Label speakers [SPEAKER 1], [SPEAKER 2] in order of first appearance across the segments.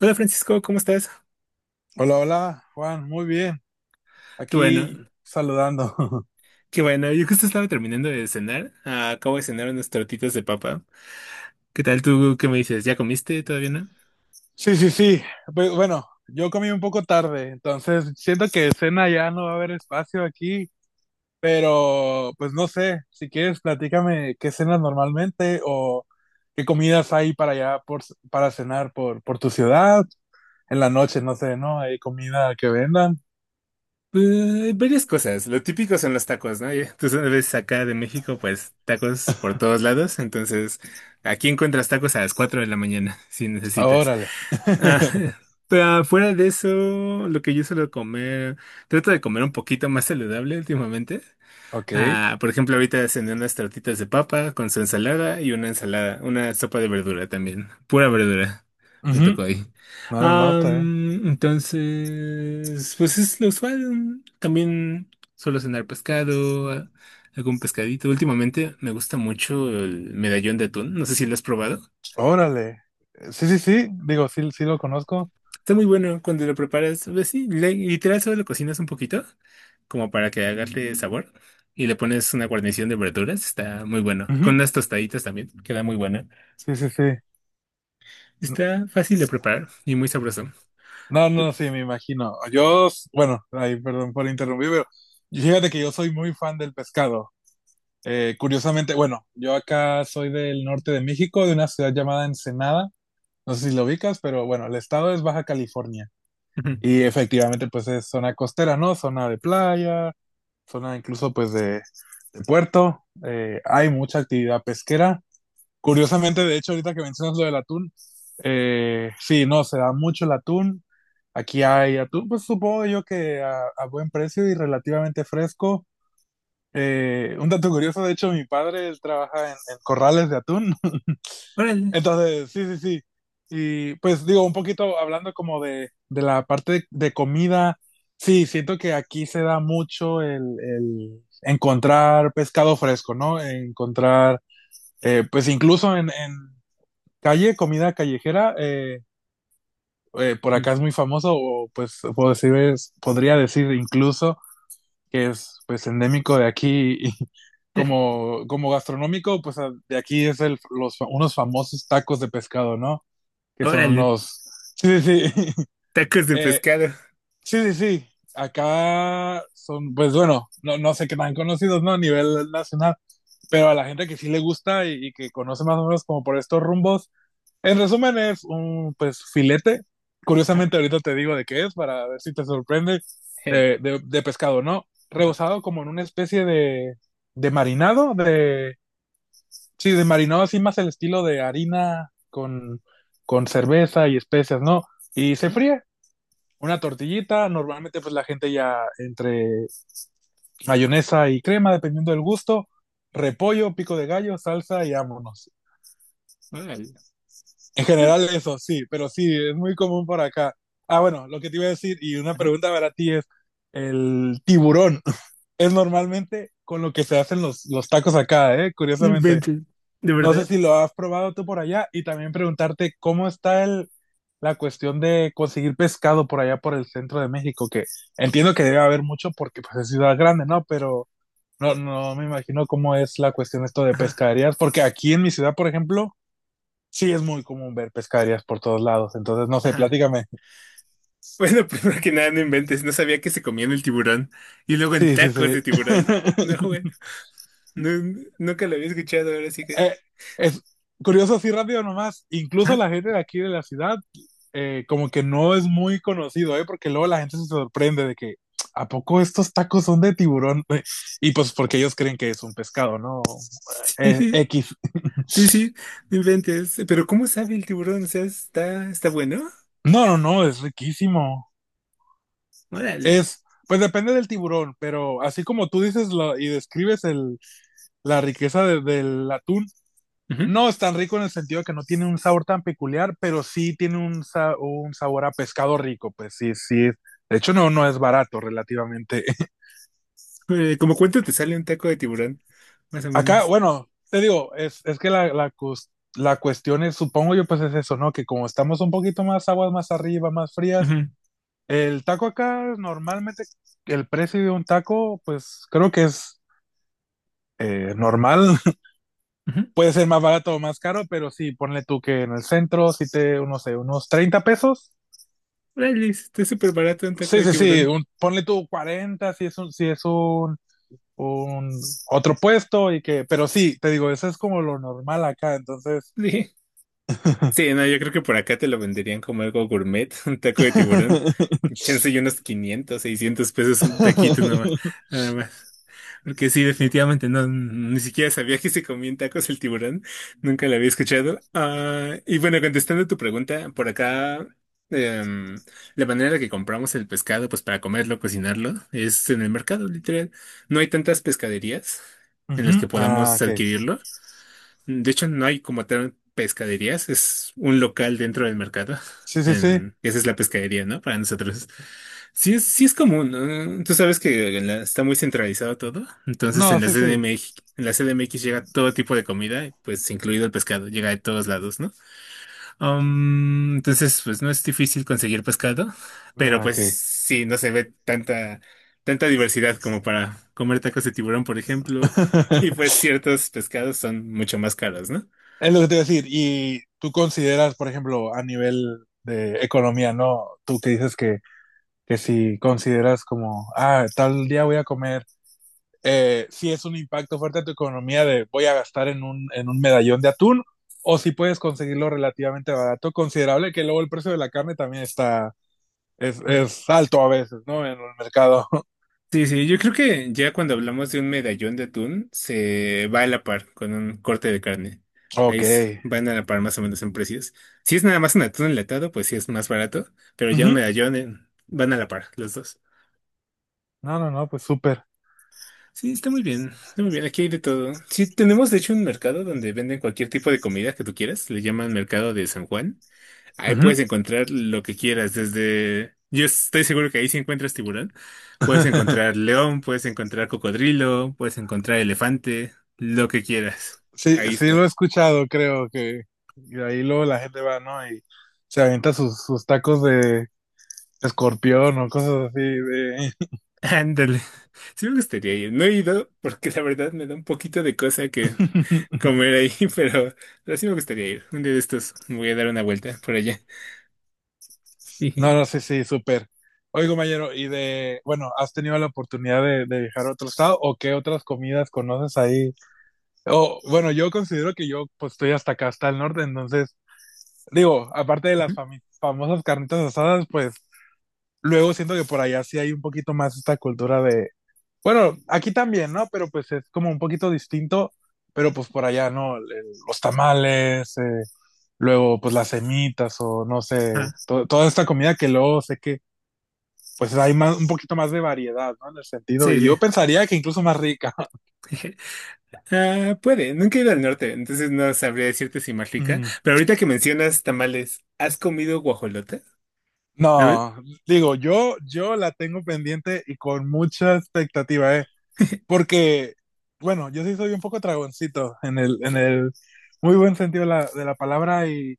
[SPEAKER 1] Hola Francisco, ¿cómo estás?
[SPEAKER 2] Hola, hola, Juan, muy bien.
[SPEAKER 1] Qué bueno,
[SPEAKER 2] Aquí saludando.
[SPEAKER 1] qué bueno. Yo justo estaba terminando de cenar. Acabo de cenar unas tortitas de papa. ¿Qué tal tú? ¿Qué me dices? ¿Ya comiste? ¿Todavía no?
[SPEAKER 2] Sí, sí, sí. Pues, bueno, yo comí un poco tarde, entonces siento que cena ya no va a haber espacio aquí, pero pues no sé, si quieres platícame qué cenas normalmente o qué comidas hay para allá para cenar por tu ciudad. En la noche, no sé, ¿no? ¿Hay comida que vendan?
[SPEAKER 1] Varias cosas, lo típico son los tacos, ¿no? Ya, tú sabes, acá de México, pues tacos por todos lados, entonces aquí encuentras tacos a las 4 de la mañana, si
[SPEAKER 2] Ah,
[SPEAKER 1] necesitas.
[SPEAKER 2] órale.
[SPEAKER 1] Ah, pero fuera de eso, lo que yo suelo comer, trato de comer un poquito más saludable últimamente.
[SPEAKER 2] Ok.
[SPEAKER 1] Por ejemplo, ahorita descendí unas tortitas de papa con su ensalada y una ensalada, una sopa de verdura también. Pura verdura. Me
[SPEAKER 2] Ujú.
[SPEAKER 1] tocó ahí.
[SPEAKER 2] No, no, no, está bien.
[SPEAKER 1] Entonces, pues es lo usual. También suelo cenar algún pescadito. Últimamente me gusta mucho el medallón de atún. No sé si lo has probado.
[SPEAKER 2] Órale. Sí, sí, sí, digo, sí, sí lo conozco.
[SPEAKER 1] Está muy bueno cuando lo preparas, pues sí, literal solo lo cocinas un poquito, como para que agarre sabor, y le pones una guarnición de verduras, está muy bueno. Con unas tostaditas también, queda muy buena.
[SPEAKER 2] Sí, sí, sí.
[SPEAKER 1] Está fácil de preparar y muy sabroso.
[SPEAKER 2] No, no, sí, me imagino. Bueno, ahí, perdón por interrumpir, pero fíjate que yo soy muy fan del pescado. Curiosamente, bueno, yo acá soy del norte de México, de una ciudad llamada Ensenada. No sé si lo ubicas, pero bueno, el estado es Baja California.
[SPEAKER 1] Ujú.
[SPEAKER 2] Y efectivamente, pues es zona costera, ¿no? Zona de playa, zona incluso pues de puerto. Hay mucha actividad pesquera. Curiosamente, de hecho, ahorita que mencionas lo del atún, sí, no, se da mucho el atún. Aquí hay atún, pues supongo yo que a buen precio y relativamente fresco. Un dato curioso, de hecho, mi padre, él trabaja en corrales de atún.
[SPEAKER 1] Órale.
[SPEAKER 2] Entonces, sí, sí, sí. Y pues digo, un poquito hablando como de la parte de comida, sí, siento que aquí se da mucho el encontrar pescado fresco, ¿no? Encontrar, pues incluso en calle, comida callejera, por
[SPEAKER 1] Ujú.
[SPEAKER 2] acá es muy famoso, o pues puedo decir, podría decir incluso que es pues endémico de aquí y como gastronómico, pues de aquí es unos famosos tacos de pescado, ¿no? Que son
[SPEAKER 1] Órale,
[SPEAKER 2] unos... Sí, sí, sí.
[SPEAKER 1] tacos de
[SPEAKER 2] Eh,
[SPEAKER 1] pescado.
[SPEAKER 2] sí, sí, sí. Acá son, pues bueno, no sé qué tan conocidos, ¿no? A nivel nacional, pero a la gente que sí le gusta y que conoce más o menos como por estos rumbos. En resumen, es un pues filete.
[SPEAKER 1] Ajá.
[SPEAKER 2] Curiosamente, ahorita te digo de qué es para ver si te sorprende
[SPEAKER 1] Je.
[SPEAKER 2] de pescado, ¿no? Rebozado como en una especie de marinado, de sí, de marinado así más el estilo de harina con cerveza y especias, ¿no? Y se
[SPEAKER 1] Ujú.
[SPEAKER 2] fríe. Una tortillita, normalmente pues la gente ya entre mayonesa y crema, dependiendo del gusto, repollo, pico de gallo, salsa y vámonos.
[SPEAKER 1] Órale.
[SPEAKER 2] En general eso, sí, pero sí, es muy común por acá. Ah, bueno, lo que te iba a decir y una
[SPEAKER 1] Ajá.
[SPEAKER 2] pregunta para ti es, el tiburón es normalmente con lo que se hacen los tacos acá, ¿eh?
[SPEAKER 1] No
[SPEAKER 2] Curiosamente.
[SPEAKER 1] inventes. ¿De
[SPEAKER 2] No sé
[SPEAKER 1] verdad?
[SPEAKER 2] si lo has probado tú por allá y también preguntarte cómo está la cuestión de conseguir pescado por allá por el centro de México, que entiendo que debe haber mucho porque pues, es ciudad grande, ¿no? Pero no me imagino cómo es la cuestión esto de
[SPEAKER 1] Ajá.
[SPEAKER 2] pescaderías, porque aquí en mi ciudad, por ejemplo, sí, es muy común ver pescaderías por todos lados, entonces no sé,
[SPEAKER 1] Ajá.
[SPEAKER 2] platícame.
[SPEAKER 1] Bueno, primero que nada, no inventes. No sabía que se comían el tiburón. Y luego en
[SPEAKER 2] Sí, sí,
[SPEAKER 1] tacos
[SPEAKER 2] sí.
[SPEAKER 1] de tiburón. No, güey. No, nunca lo había escuchado, ahora sí que.
[SPEAKER 2] Eh, es curioso, así rápido nomás, incluso
[SPEAKER 1] Ah,
[SPEAKER 2] la gente de aquí de la ciudad, como que no es muy conocido, ¿eh? Porque luego la gente se sorprende de que, ¿a poco estos tacos son de tiburón? Y pues porque ellos creen que es un pescado, ¿no?
[SPEAKER 1] sí,
[SPEAKER 2] X.
[SPEAKER 1] sí, sí, no inventes. Pero ¿cómo sabe el tiburón? O sea, está, está bueno.
[SPEAKER 2] No, no, no, es riquísimo.
[SPEAKER 1] Órale.
[SPEAKER 2] Es, pues depende del tiburón, pero así como tú dices y describes la riqueza del atún.
[SPEAKER 1] Ujú.
[SPEAKER 2] No es tan rico en el sentido de que no tiene un sabor tan peculiar, pero sí tiene un sabor a pescado rico, pues sí, sí. De hecho, no es barato relativamente.
[SPEAKER 1] ¿Cómo cuánto te sale un taco de tiburón? Más o
[SPEAKER 2] Acá,
[SPEAKER 1] menos.
[SPEAKER 2] bueno, te digo, es que la cuestión es, supongo yo, pues es eso, ¿no? Que como estamos un poquito más aguas más arriba, más frías,
[SPEAKER 1] Ujú,
[SPEAKER 2] el taco acá normalmente, el precio de un taco, pues creo que es normal.
[SPEAKER 1] ujú.
[SPEAKER 2] Puede ser más barato o más caro, pero sí, ponle tú que en el centro, no sé, unos 30 pesos.
[SPEAKER 1] Órale, está súper barato un taco
[SPEAKER 2] Sí,
[SPEAKER 1] de
[SPEAKER 2] sí, sí,
[SPEAKER 1] tiburón.
[SPEAKER 2] ponle tú 40, si es un otro puesto y que, pero sí, te digo, eso es como lo normal acá, entonces.
[SPEAKER 1] Sí. Sí, no, yo creo que por acá te lo venderían como algo gourmet, un taco de tiburón. Chance y unos 500 600 pesos un taquito nada más. Nada más. Porque sí, definitivamente no, ni siquiera sabía que se comían tacos el tiburón. Nunca la había escuchado. Ah, y bueno, contestando tu pregunta, por acá, em, la manera en la que compramos el pescado, pues para comerlo, cocinarlo, es en el mercado, literal. No hay tantas pescaderías en las
[SPEAKER 2] Ujú.
[SPEAKER 1] que
[SPEAKER 2] Ah,
[SPEAKER 1] podamos
[SPEAKER 2] ok.
[SPEAKER 1] adquirirlo. De hecho, no hay como tal pescaderías, es un local dentro del mercado.
[SPEAKER 2] Sí, sí, sí.
[SPEAKER 1] En, esa es la pescadería, ¿no? Para nosotros. Sí es común, ¿no? Tú sabes que está muy centralizado todo. Entonces en
[SPEAKER 2] No,
[SPEAKER 1] la
[SPEAKER 2] sí, sí.
[SPEAKER 1] CDMX, en la CDMX llega todo tipo de comida, pues incluido el pescado, llega de todos lados, ¿no? Entonces, pues no es difícil conseguir pescado, pero
[SPEAKER 2] Ah,
[SPEAKER 1] pues
[SPEAKER 2] ok.
[SPEAKER 1] sí, no se ve tanta diversidad como para comer tacos de tiburón, por ejemplo. Y pues ciertos pescados son mucho más caros, ¿no?
[SPEAKER 2] Es lo que te iba a decir. Y tú consideras, por ejemplo, a nivel de economía, ¿no? Tú que dices que si consideras como, tal día voy a comer si es un impacto fuerte a tu economía de voy a gastar en un medallón de atún, o si puedes conseguirlo relativamente barato, considerable, que luego el precio de la carne también está, es,
[SPEAKER 1] Mm.
[SPEAKER 2] es alto a veces, ¿no? En el mercado.
[SPEAKER 1] Sí, sí, yo creo que ya cuando hablamos de un medallón de atún, se va a la par con un corte de carne.
[SPEAKER 2] Ok.
[SPEAKER 1] Van a la par más o menos en precios. Si es nada más un atún enlatado, pues sí es más barato, pero ya un
[SPEAKER 2] Ujú.
[SPEAKER 1] medallón van a la par los dos.
[SPEAKER 2] No, no, no, pues súper.
[SPEAKER 1] Sí, está muy bien, aquí hay de todo. Sí, tenemos de hecho un mercado donde venden cualquier tipo de comida que tú quieras, le llaman Mercado de San Juan. Ahí
[SPEAKER 2] Ujú.
[SPEAKER 1] puedes encontrar lo que quieras, desde... Yo estoy seguro que ahí si encuentras tiburón, puedes encontrar león, puedes encontrar cocodrilo, puedes encontrar elefante, lo que quieras.
[SPEAKER 2] Sí,
[SPEAKER 1] Ahí
[SPEAKER 2] sí lo he
[SPEAKER 1] está.
[SPEAKER 2] escuchado, creo que y ahí luego la gente va, ¿no? Y se avienta sus tacos de escorpión o cosas así de...
[SPEAKER 1] Ándale. Sí me gustaría ir. No he ido porque la verdad me da un poquito de cosa que comer ahí, pero sí me gustaría ir. Un día de estos me voy a dar una vuelta por allá. Sí.
[SPEAKER 2] No, no, sí, sí, súper. Oye, compañero, y bueno, ¿has tenido la oportunidad de viajar a otro estado o qué otras comidas conoces ahí? O, bueno, yo considero que yo pues estoy hasta acá, hasta el norte, entonces, digo, aparte de las
[SPEAKER 1] Ujú.
[SPEAKER 2] famosas carnitas asadas, pues luego siento que por allá sí hay un poquito más esta cultura de, bueno, aquí también, ¿no? Pero pues es como un poquito distinto, pero pues por allá, ¿no? Los tamales, luego pues las semitas o no sé,
[SPEAKER 1] Ah,
[SPEAKER 2] toda esta comida que luego sé que pues hay más, un poquito más de variedad, ¿no? En el sentido,
[SPEAKER 1] sí,
[SPEAKER 2] y
[SPEAKER 1] sí.
[SPEAKER 2] yo pensaría que incluso más rica.
[SPEAKER 1] Ah, puede, nunca he ido al norte, entonces no sabría decirte si más rica.
[SPEAKER 2] Mm.
[SPEAKER 1] Pero ahorita que mencionas tamales, ¿has comido guajolota? ¿Sabes?
[SPEAKER 2] No, digo, yo la tengo pendiente y con mucha expectativa, ¿eh? Porque, bueno, yo sí soy un poco tragoncito en el muy buen sentido de la palabra y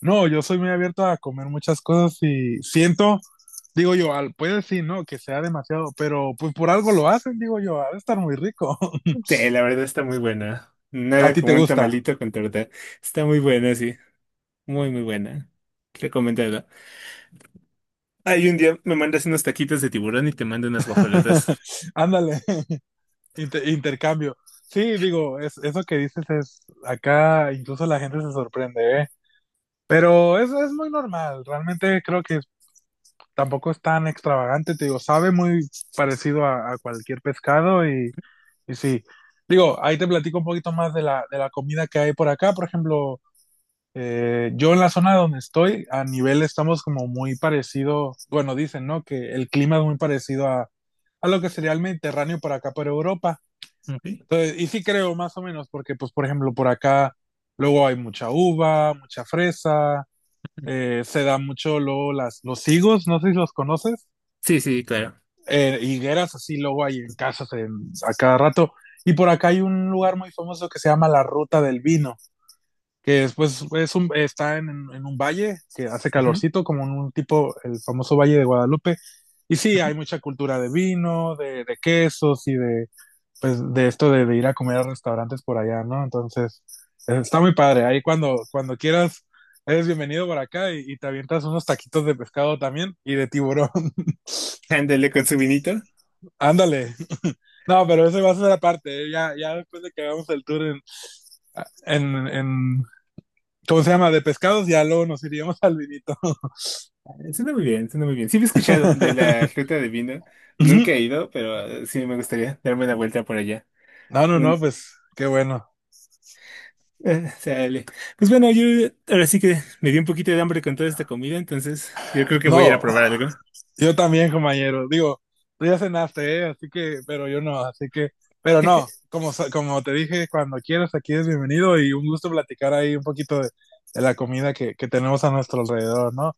[SPEAKER 2] no, yo soy muy abierto a comer muchas cosas y siento, digo yo, puede decir, no, que sea demasiado, pero pues por algo lo hacen, digo yo, ha de estar muy rico.
[SPEAKER 1] Sí, la verdad está muy buena.
[SPEAKER 2] A
[SPEAKER 1] Nada
[SPEAKER 2] ti te
[SPEAKER 1] como un
[SPEAKER 2] gusta.
[SPEAKER 1] tamalito con torta. Está muy buena, sí. Muy, muy buena. Recomendada. Ay, un día me mandas unos taquitos de tiburón y te mando unas guajolotas.
[SPEAKER 2] Ándale. Intercambio. Sí, digo, eso que dices es, acá incluso la gente se sorprende, ¿eh? Pero es muy normal, realmente creo que tampoco es tan extravagante, te digo, sabe muy parecido a, cualquier pescado y sí. Digo, ahí te platico un poquito más de la comida que hay por acá, por ejemplo, yo en la zona donde estoy, a nivel estamos como muy parecido, bueno, dicen, ¿no? Que el clima es muy parecido a lo que sería el Mediterráneo por acá, por Europa.
[SPEAKER 1] Ok.
[SPEAKER 2] Entonces, y sí creo más o menos, porque pues por ejemplo por acá luego hay mucha uva, mucha fresa, se da mucho luego los higos, no sé si los conoces,
[SPEAKER 1] Sí, sí, claro.
[SPEAKER 2] higueras así luego hay en casas a cada rato. Y por acá hay un lugar muy famoso que se llama la Ruta del Vino que después es está en un valle que hace
[SPEAKER 1] Ujú,
[SPEAKER 2] calorcito, como en un tipo, el famoso Valle de Guadalupe. Y sí,
[SPEAKER 1] ujú.
[SPEAKER 2] hay mucha cultura de vino, de quesos y de, pues, de esto de ir a comer a restaurantes por allá, ¿no? Entonces, está muy padre. Ahí cuando quieras, eres bienvenido por acá y te avientas unos taquitos de pescado también y de tiburón.
[SPEAKER 1] Ándale con su vinito.
[SPEAKER 2] Ándale. No, pero eso va a ser aparte. ¿Eh? Ya, ya después de que hagamos el tour en, en, ¿cómo se llama? De pescados, ya luego nos iríamos al vinito.
[SPEAKER 1] Suena muy bien, suena muy bien. Sí, me he escuchado de la ruta de vino. Nunca he ido, pero sí me gustaría darme una vuelta por allá.
[SPEAKER 2] No, no, no, pues qué bueno.
[SPEAKER 1] Sale. Pues bueno, yo ahora sí que me dio un poquito de hambre con toda esta comida, entonces yo creo que voy a ir a
[SPEAKER 2] No,
[SPEAKER 1] probar algo.
[SPEAKER 2] yo también, compañero. Digo, tú ya cenaste, ¿eh? Así que, pero yo no, así que, pero no, como, como te dije, cuando quieras, aquí es bienvenido y un gusto platicar ahí un poquito de la comida que tenemos a nuestro alrededor, ¿no?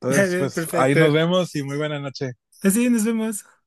[SPEAKER 2] Entonces,
[SPEAKER 1] Vale,
[SPEAKER 2] pues ahí
[SPEAKER 1] perfecto.
[SPEAKER 2] nos vemos y muy buena noche.
[SPEAKER 1] Así nos vemos.